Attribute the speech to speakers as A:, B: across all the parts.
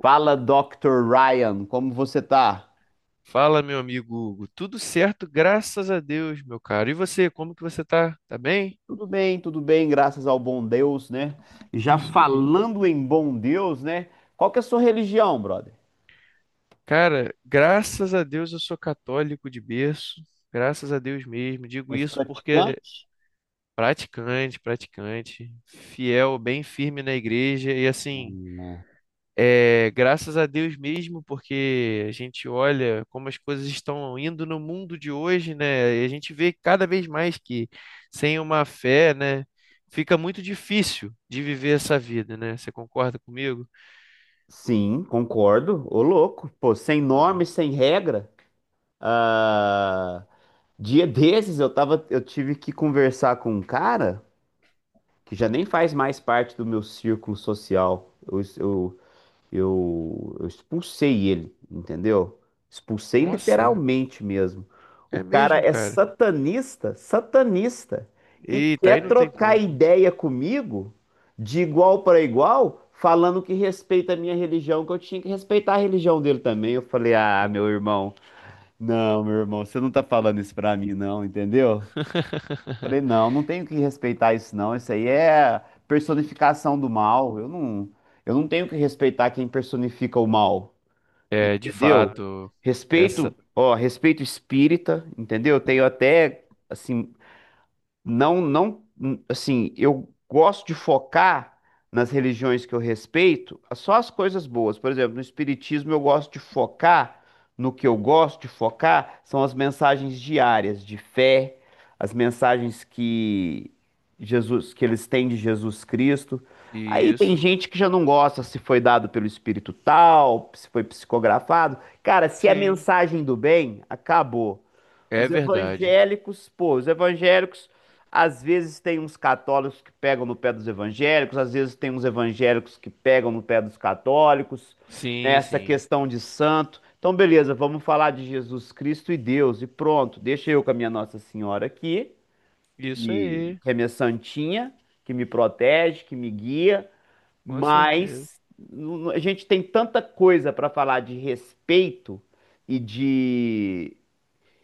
A: Fala, Dr. Ryan, como você tá?
B: Fala, meu amigo Hugo. Tudo certo, graças a Deus, meu caro. E você, como que você tá? Tá bem?
A: Tudo bem, graças ao bom Deus, né? Já
B: Isso aí.
A: falando em bom Deus, né? Qual que é a sua religião, brother?
B: Cara, graças a Deus eu sou católico de berço. Graças a Deus mesmo. Digo
A: És
B: isso porque é
A: praticante?
B: praticante, praticante, fiel, bem firme na igreja e assim. É, graças a Deus mesmo, porque a gente olha como as coisas estão indo no mundo de hoje, né? E a gente vê cada vez mais que sem uma fé, né, fica muito difícil de viver essa vida, né? Você concorda comigo?
A: Sim, concordo. Ô, louco, pô, sem norma e sem regra. Ah, dia desses eu tive que conversar com um cara que já nem faz mais parte do meu círculo social. Eu expulsei ele, entendeu? Expulsei
B: Nossa,
A: literalmente mesmo. O
B: é
A: cara
B: mesmo,
A: é
B: cara.
A: satanista, e
B: Eita, aí
A: quer
B: não tem
A: trocar
B: como.
A: ideia comigo de igual para igual, falando que respeita a minha religião, que eu tinha que respeitar a religião dele também. Eu falei, ah, meu irmão, não, meu irmão, você não tá falando isso pra mim, não, entendeu? Falei, não, não tenho que respeitar isso, não. Isso aí é personificação do mal. Eu não tenho que respeitar quem personifica o mal,
B: É, de
A: entendeu? Claro,
B: fato, essa
A: respeito, ó, respeito espírita, entendeu? Tenho até, assim, não, não, assim, eu gosto de focar nas religiões que eu respeito, só as coisas boas. Por exemplo, no espiritismo eu gosto de focar no que eu gosto de focar são as mensagens diárias de fé, as mensagens que Jesus, que eles têm de Jesus Cristo. Aí tem
B: isso.
A: gente que já não gosta se foi dado pelo espírito tal, se foi psicografado. Cara, se é
B: Sim,
A: mensagem do bem, acabou.
B: é verdade.
A: Os evangélicos, às vezes tem uns católicos que pegam no pé dos evangélicos, às vezes tem uns evangélicos que pegam no pé dos católicos, né,
B: Sim,
A: essa
B: sim.
A: questão de santo. Então, beleza, vamos falar de Jesus Cristo e Deus, e pronto, deixa eu com a minha Nossa Senhora aqui,
B: Isso aí,
A: que é minha santinha, que me protege, que me guia,
B: com certeza.
A: mas a gente tem tanta coisa para falar de respeito e de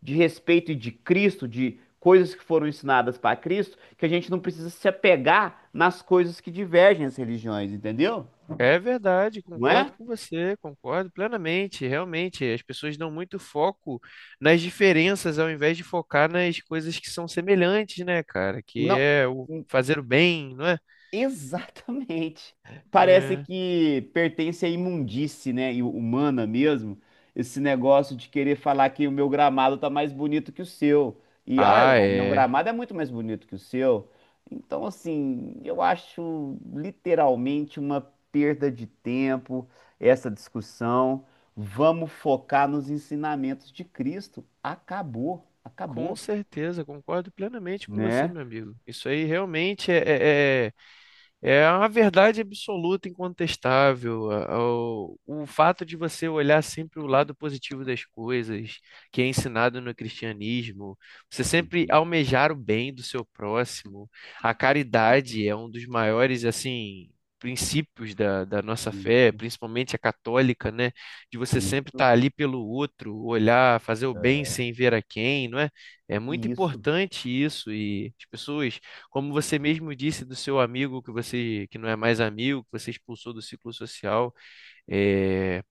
A: e de Cristo, de coisas que foram ensinadas para Cristo, que a gente não precisa se apegar nas coisas que divergem as religiões, entendeu?
B: É verdade,
A: Não é?
B: concordo com você, concordo plenamente. Realmente, as pessoas dão muito foco nas diferenças ao invés de focar nas coisas que são semelhantes, né, cara? Que
A: Não.
B: é o fazer o bem, não é?
A: Exatamente. Parece
B: É.
A: que pertence à imundície, né, e humana mesmo, esse negócio de querer falar que o meu gramado tá mais bonito que o seu. E olha
B: Ah,
A: lá, meu
B: é.
A: gramado é muito mais bonito que o seu. Então, assim, eu acho literalmente uma perda de tempo essa discussão. Vamos focar nos ensinamentos de Cristo. Acabou,
B: Com
A: acabou,
B: certeza, concordo plenamente com você,
A: né?
B: meu amigo. Isso aí realmente é a verdade absoluta, incontestável. O fato de você olhar sempre o lado positivo das coisas, que é ensinado no cristianismo, você sempre
A: Uhum.
B: almejar o bem do seu próximo. A caridade é um dos maiores, assim, princípios da, da nossa fé,
A: Isso.
B: principalmente a católica, né? De você sempre
A: Isso.
B: estar ali pelo outro, olhar, fazer o bem
A: É.
B: sem ver a quem, não é? É muito
A: Isso,
B: importante isso e as pessoas, como você mesmo disse, do seu amigo que você que não é mais amigo, que você expulsou do ciclo social, é,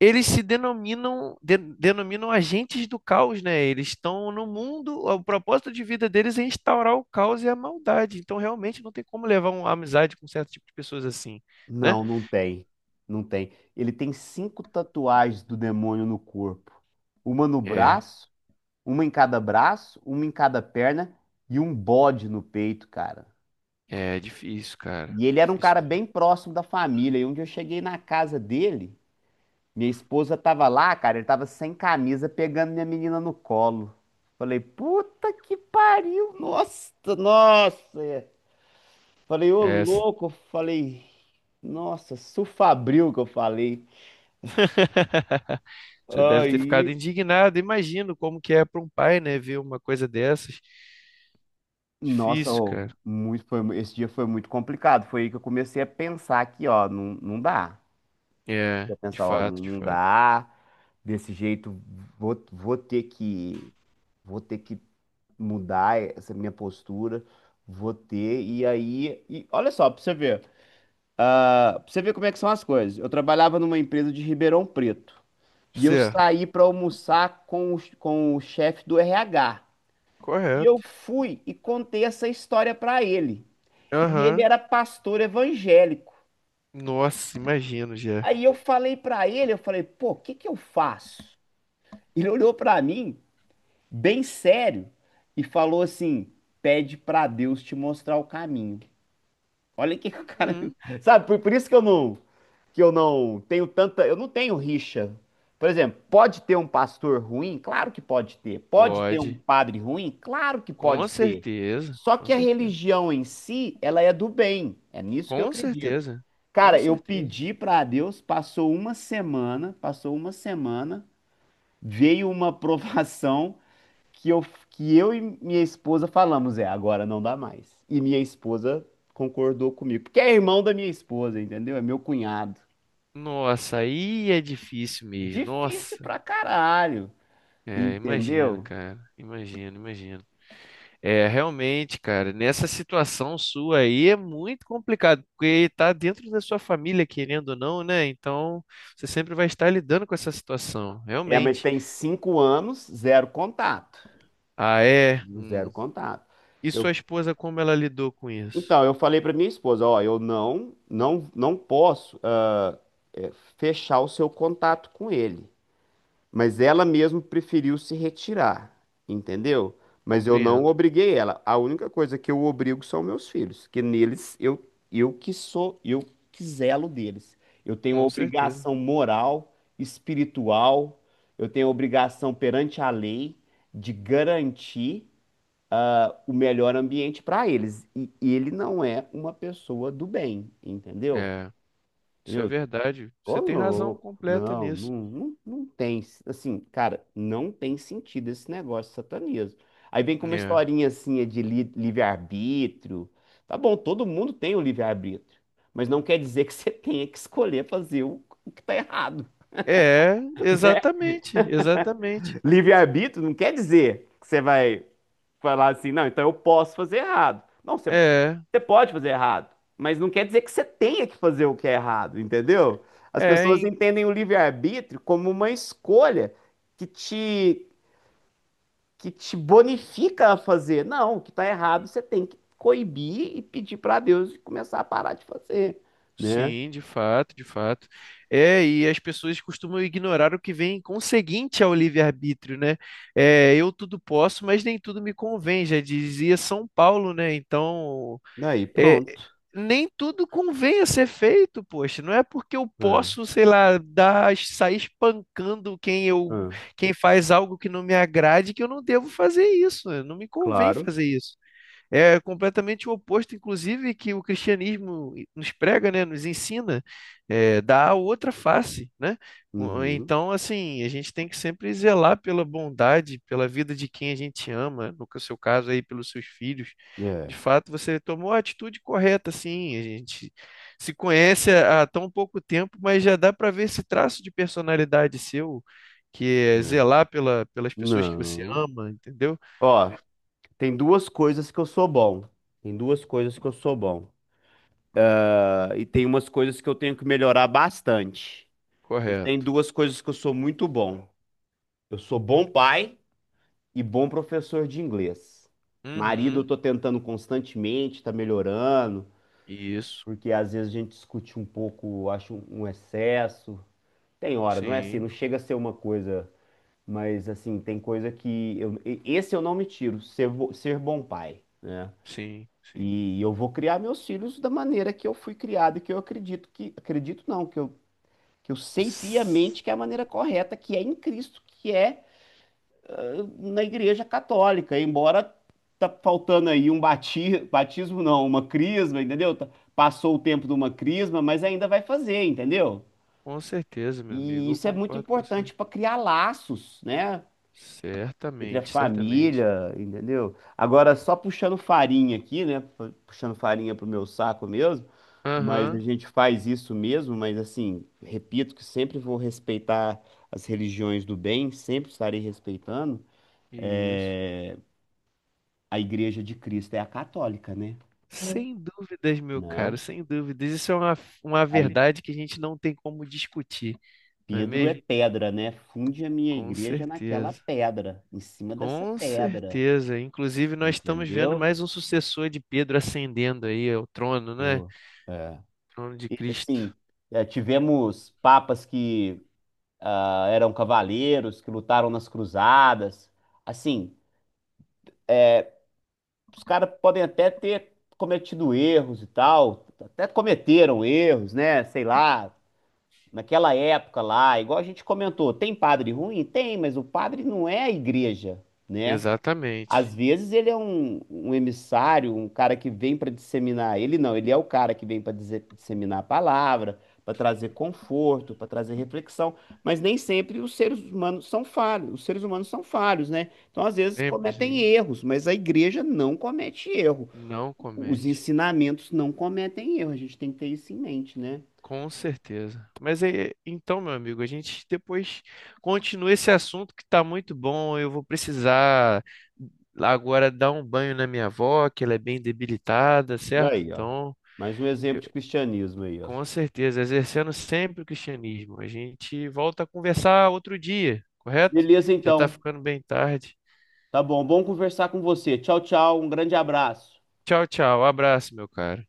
B: eles se denominam agentes do caos, né? Eles estão no mundo, o propósito de vida deles é instaurar o caos e a maldade. Então, realmente não tem como levar uma amizade com certo tipo de pessoas assim, né?
A: não, não tem. Não tem. Ele tem cinco tatuagens do demônio no corpo. Uma no
B: É,
A: braço, uma em cada braço, uma em cada perna e um bode no peito, cara.
B: é difícil, cara.
A: E ele era um cara
B: Difícil mesmo.
A: bem próximo da família. E onde eu cheguei na casa dele, minha esposa tava lá, cara, ele tava sem camisa pegando minha menina no colo. Falei, puta que pariu, nossa, nossa. Falei, ô
B: É,
A: louco, falei, nossa, Sufabril que eu falei.
B: você deve ter ficado
A: Aí,
B: indignado. Imagino como que é para um pai, né, ver uma coisa dessas.
A: nossa,
B: Difícil,
A: ô,
B: cara.
A: esse dia foi muito complicado. Foi aí que eu comecei a pensar que, ó, não, não dá.
B: É,
A: Eu
B: de
A: pensar, ó, não,
B: fato, de
A: não
B: fato.
A: dá. Desse jeito, vou, vou ter que, vou ter que mudar essa minha postura. Vou ter. E aí, e olha só, pra você ver, como é que são as coisas. Eu trabalhava numa empresa de Ribeirão Preto. E eu
B: Certo,
A: saí pra almoçar com o chefe do RH. E eu
B: correto.
A: fui e contei essa história pra ele. E ele
B: Aham.
A: era pastor evangélico.
B: Nossa, imagino já.
A: Aí eu falei pra ele, eu falei, pô, o que que eu faço? Ele olhou pra mim, bem sério, e falou assim: pede pra Deus te mostrar o caminho. Olha que o cara.
B: Hum,
A: Sabe, por isso que eu não tenho tanta, eu não tenho rixa. Por exemplo, pode ter um pastor ruim? Claro que pode ter. Pode ter um
B: pode.
A: padre ruim? Claro que
B: Com
A: pode ter.
B: certeza,
A: Só
B: com
A: que a
B: certeza.
A: religião em si, ela é do bem. É nisso que eu
B: Com
A: acredito.
B: certeza, com
A: Cara, eu
B: certeza.
A: pedi para Deus, passou uma semana, veio uma provação que eu, que eu e minha esposa falamos, é, agora não dá mais. E minha esposa concordou comigo, porque é irmão da minha esposa, entendeu? É meu cunhado.
B: Nossa, aí é difícil mesmo.
A: Difícil
B: Nossa,
A: pra caralho,
B: é, imagino,
A: entendeu?
B: cara. Imagino, imagino. É, realmente, cara, nessa situação sua aí é muito complicado, porque tá dentro da sua família, querendo ou não, né? Então, você sempre vai estar lidando com essa situação,
A: É, mas
B: realmente.
A: tem cinco anos, zero contato.
B: Ah, é?
A: Zero contato.
B: E
A: Eu,
B: sua esposa, como ela lidou com isso?
A: então, eu falei pra minha esposa, ó, eu não posso eh, fechar o seu contato com ele. Mas ela mesmo preferiu se retirar, entendeu? Mas eu não
B: Compreendo.
A: obriguei ela. A única coisa que eu obrigo são meus filhos, que neles eu que zelo deles. Eu tenho
B: Com certeza.
A: obrigação moral, espiritual, eu tenho obrigação perante a lei de garantir o melhor ambiente para eles. E ele não é uma pessoa do bem, entendeu?
B: É, isso é
A: Entendeu?
B: verdade.
A: Ô,
B: Você tem razão
A: louco.
B: completa nisso.
A: Não tem. Assim, cara, não tem sentido esse negócio de satanismo. Aí vem com uma
B: É.
A: historinha assim de livre-arbítrio. Tá bom, todo mundo tem o livre-arbítrio. Mas não quer dizer que você tenha que escolher fazer o que tá errado,
B: É,
A: né?
B: exatamente, exatamente.
A: Livre-arbítrio não quer dizer que você vai falar assim, não, então eu posso fazer errado. Não,
B: É,
A: você pode fazer errado, mas não quer dizer que você tenha que fazer o que é errado, entendeu? As
B: é,
A: pessoas
B: em-
A: entendem o livre-arbítrio como uma escolha que te, que te bonifica a fazer. Não, o que está errado você tem que coibir e pedir para Deus e começar a parar de fazer, né?
B: sim, de fato, de fato. É, e as pessoas costumam ignorar o que vem conseguinte ao livre-arbítrio, né? É, eu tudo posso, mas nem tudo me convém, já dizia São Paulo, né? Então,
A: Daí
B: é,
A: pronto.
B: nem tudo convém a ser feito, poxa. Não é porque eu
A: É,
B: posso, sei lá, sair espancando
A: é,
B: quem faz algo que não me agrade que eu não devo fazer isso. Não me convém
A: claro.
B: fazer isso. É completamente o oposto, inclusive, que o cristianismo nos prega, né? Nos ensina, é, dá a outra face, né?
A: Uhum.
B: Então, assim, a gente tem que sempre zelar pela bondade, pela vida de quem a gente ama, no que- seu caso aí, pelos seus filhos. De
A: É,
B: fato, você tomou a atitude correta, sim. A gente se conhece há tão pouco tempo, mas já dá para ver esse traço de personalidade seu, que é
A: é.
B: zelar pelas pessoas que você
A: Não.
B: ama, entendeu?
A: Ó, tem duas coisas que eu sou bom. Tem duas coisas que eu sou bom. Ah, E tem umas coisas que eu tenho que melhorar bastante. Mas tem
B: Correto.
A: duas coisas que eu sou muito bom. Eu sou bom pai e bom professor de inglês. Marido, eu
B: Uhum.
A: tô tentando constantemente, tá melhorando,
B: Isso,
A: porque às vezes a gente discute um pouco, acho um excesso. Tem hora, não é assim,
B: sim,
A: não chega a ser uma coisa, mas assim, tem coisa que eu, esse eu não me tiro, ser, ser bom pai, né?
B: sim, sim.
A: E eu vou criar meus filhos da maneira que eu fui criado e que eu acredito não, que eu sei piamente que é a maneira correta, que é em Cristo, que é na Igreja Católica, embora tá faltando aí um batismo, não, uma crisma, entendeu? Passou o tempo de uma crisma, mas ainda vai fazer, entendeu?
B: Com certeza, meu
A: E
B: amigo, eu
A: isso é muito
B: concordo com você.
A: importante para criar laços, né? Entre a
B: Certamente, certamente.
A: família, entendeu? Agora, só puxando farinha aqui, né? Puxando farinha pro meu saco mesmo, mas a
B: Aham,
A: gente faz isso mesmo, mas assim, repito que sempre vou respeitar as religiões do bem, sempre estarei respeitando.
B: isso.
A: É, A Igreja de Cristo é a católica, né?
B: Sem dúvidas, meu caro,
A: Né?
B: sem dúvidas. Uma
A: Aí
B: verdade que a gente não tem como discutir, não é
A: Pedro é
B: mesmo?
A: pedra, né? Funde a minha
B: Com
A: igreja naquela
B: certeza,
A: pedra, em cima dessa
B: com
A: pedra,
B: certeza. Inclusive, nós estamos vendo
A: entendeu?
B: mais um sucessor de Pedro ascendendo aí ao trono, né?
A: Pô, é.
B: Trono de
A: Sim,
B: Cristo.
A: tivemos papas que eram cavaleiros, que lutaram nas cruzadas. Assim, os caras podem até ter cometido erros e tal, até cometeram erros, né? Sei lá, naquela época lá, igual a gente comentou, tem padre ruim? Tem, mas o padre não é a igreja, né? Às
B: Exatamente.
A: vezes ele é um emissário, um cara que vem para disseminar. Ele não, ele é o cara que vem para disseminar a palavra, para trazer conforto, para trazer reflexão. Mas nem sempre os seres humanos são falhos. Os seres humanos são falhos, né? Então, às vezes,
B: Sempre
A: cometem
B: sim.
A: erros, mas a igreja não comete erro.
B: Não
A: Os
B: comete.
A: ensinamentos não cometem erro. A gente tem que ter isso em mente, né?
B: Com certeza. Mas é, é, então, meu amigo, a gente depois continua esse assunto que tá muito bom. Eu vou precisar agora dar um banho na minha avó, que ela é bem debilitada, certo?
A: Aí, ó.
B: Então,
A: Mais um exemplo
B: eu-
A: de cristianismo aí, ó.
B: com certeza, exercendo sempre o cristianismo. A gente volta a conversar outro dia, correto?
A: Beleza,
B: Já tá
A: então.
B: ficando bem tarde.
A: Tá bom. Bom conversar com você. Tchau, tchau. Um grande abraço.
B: Tchau, tchau. Abraço, meu cara.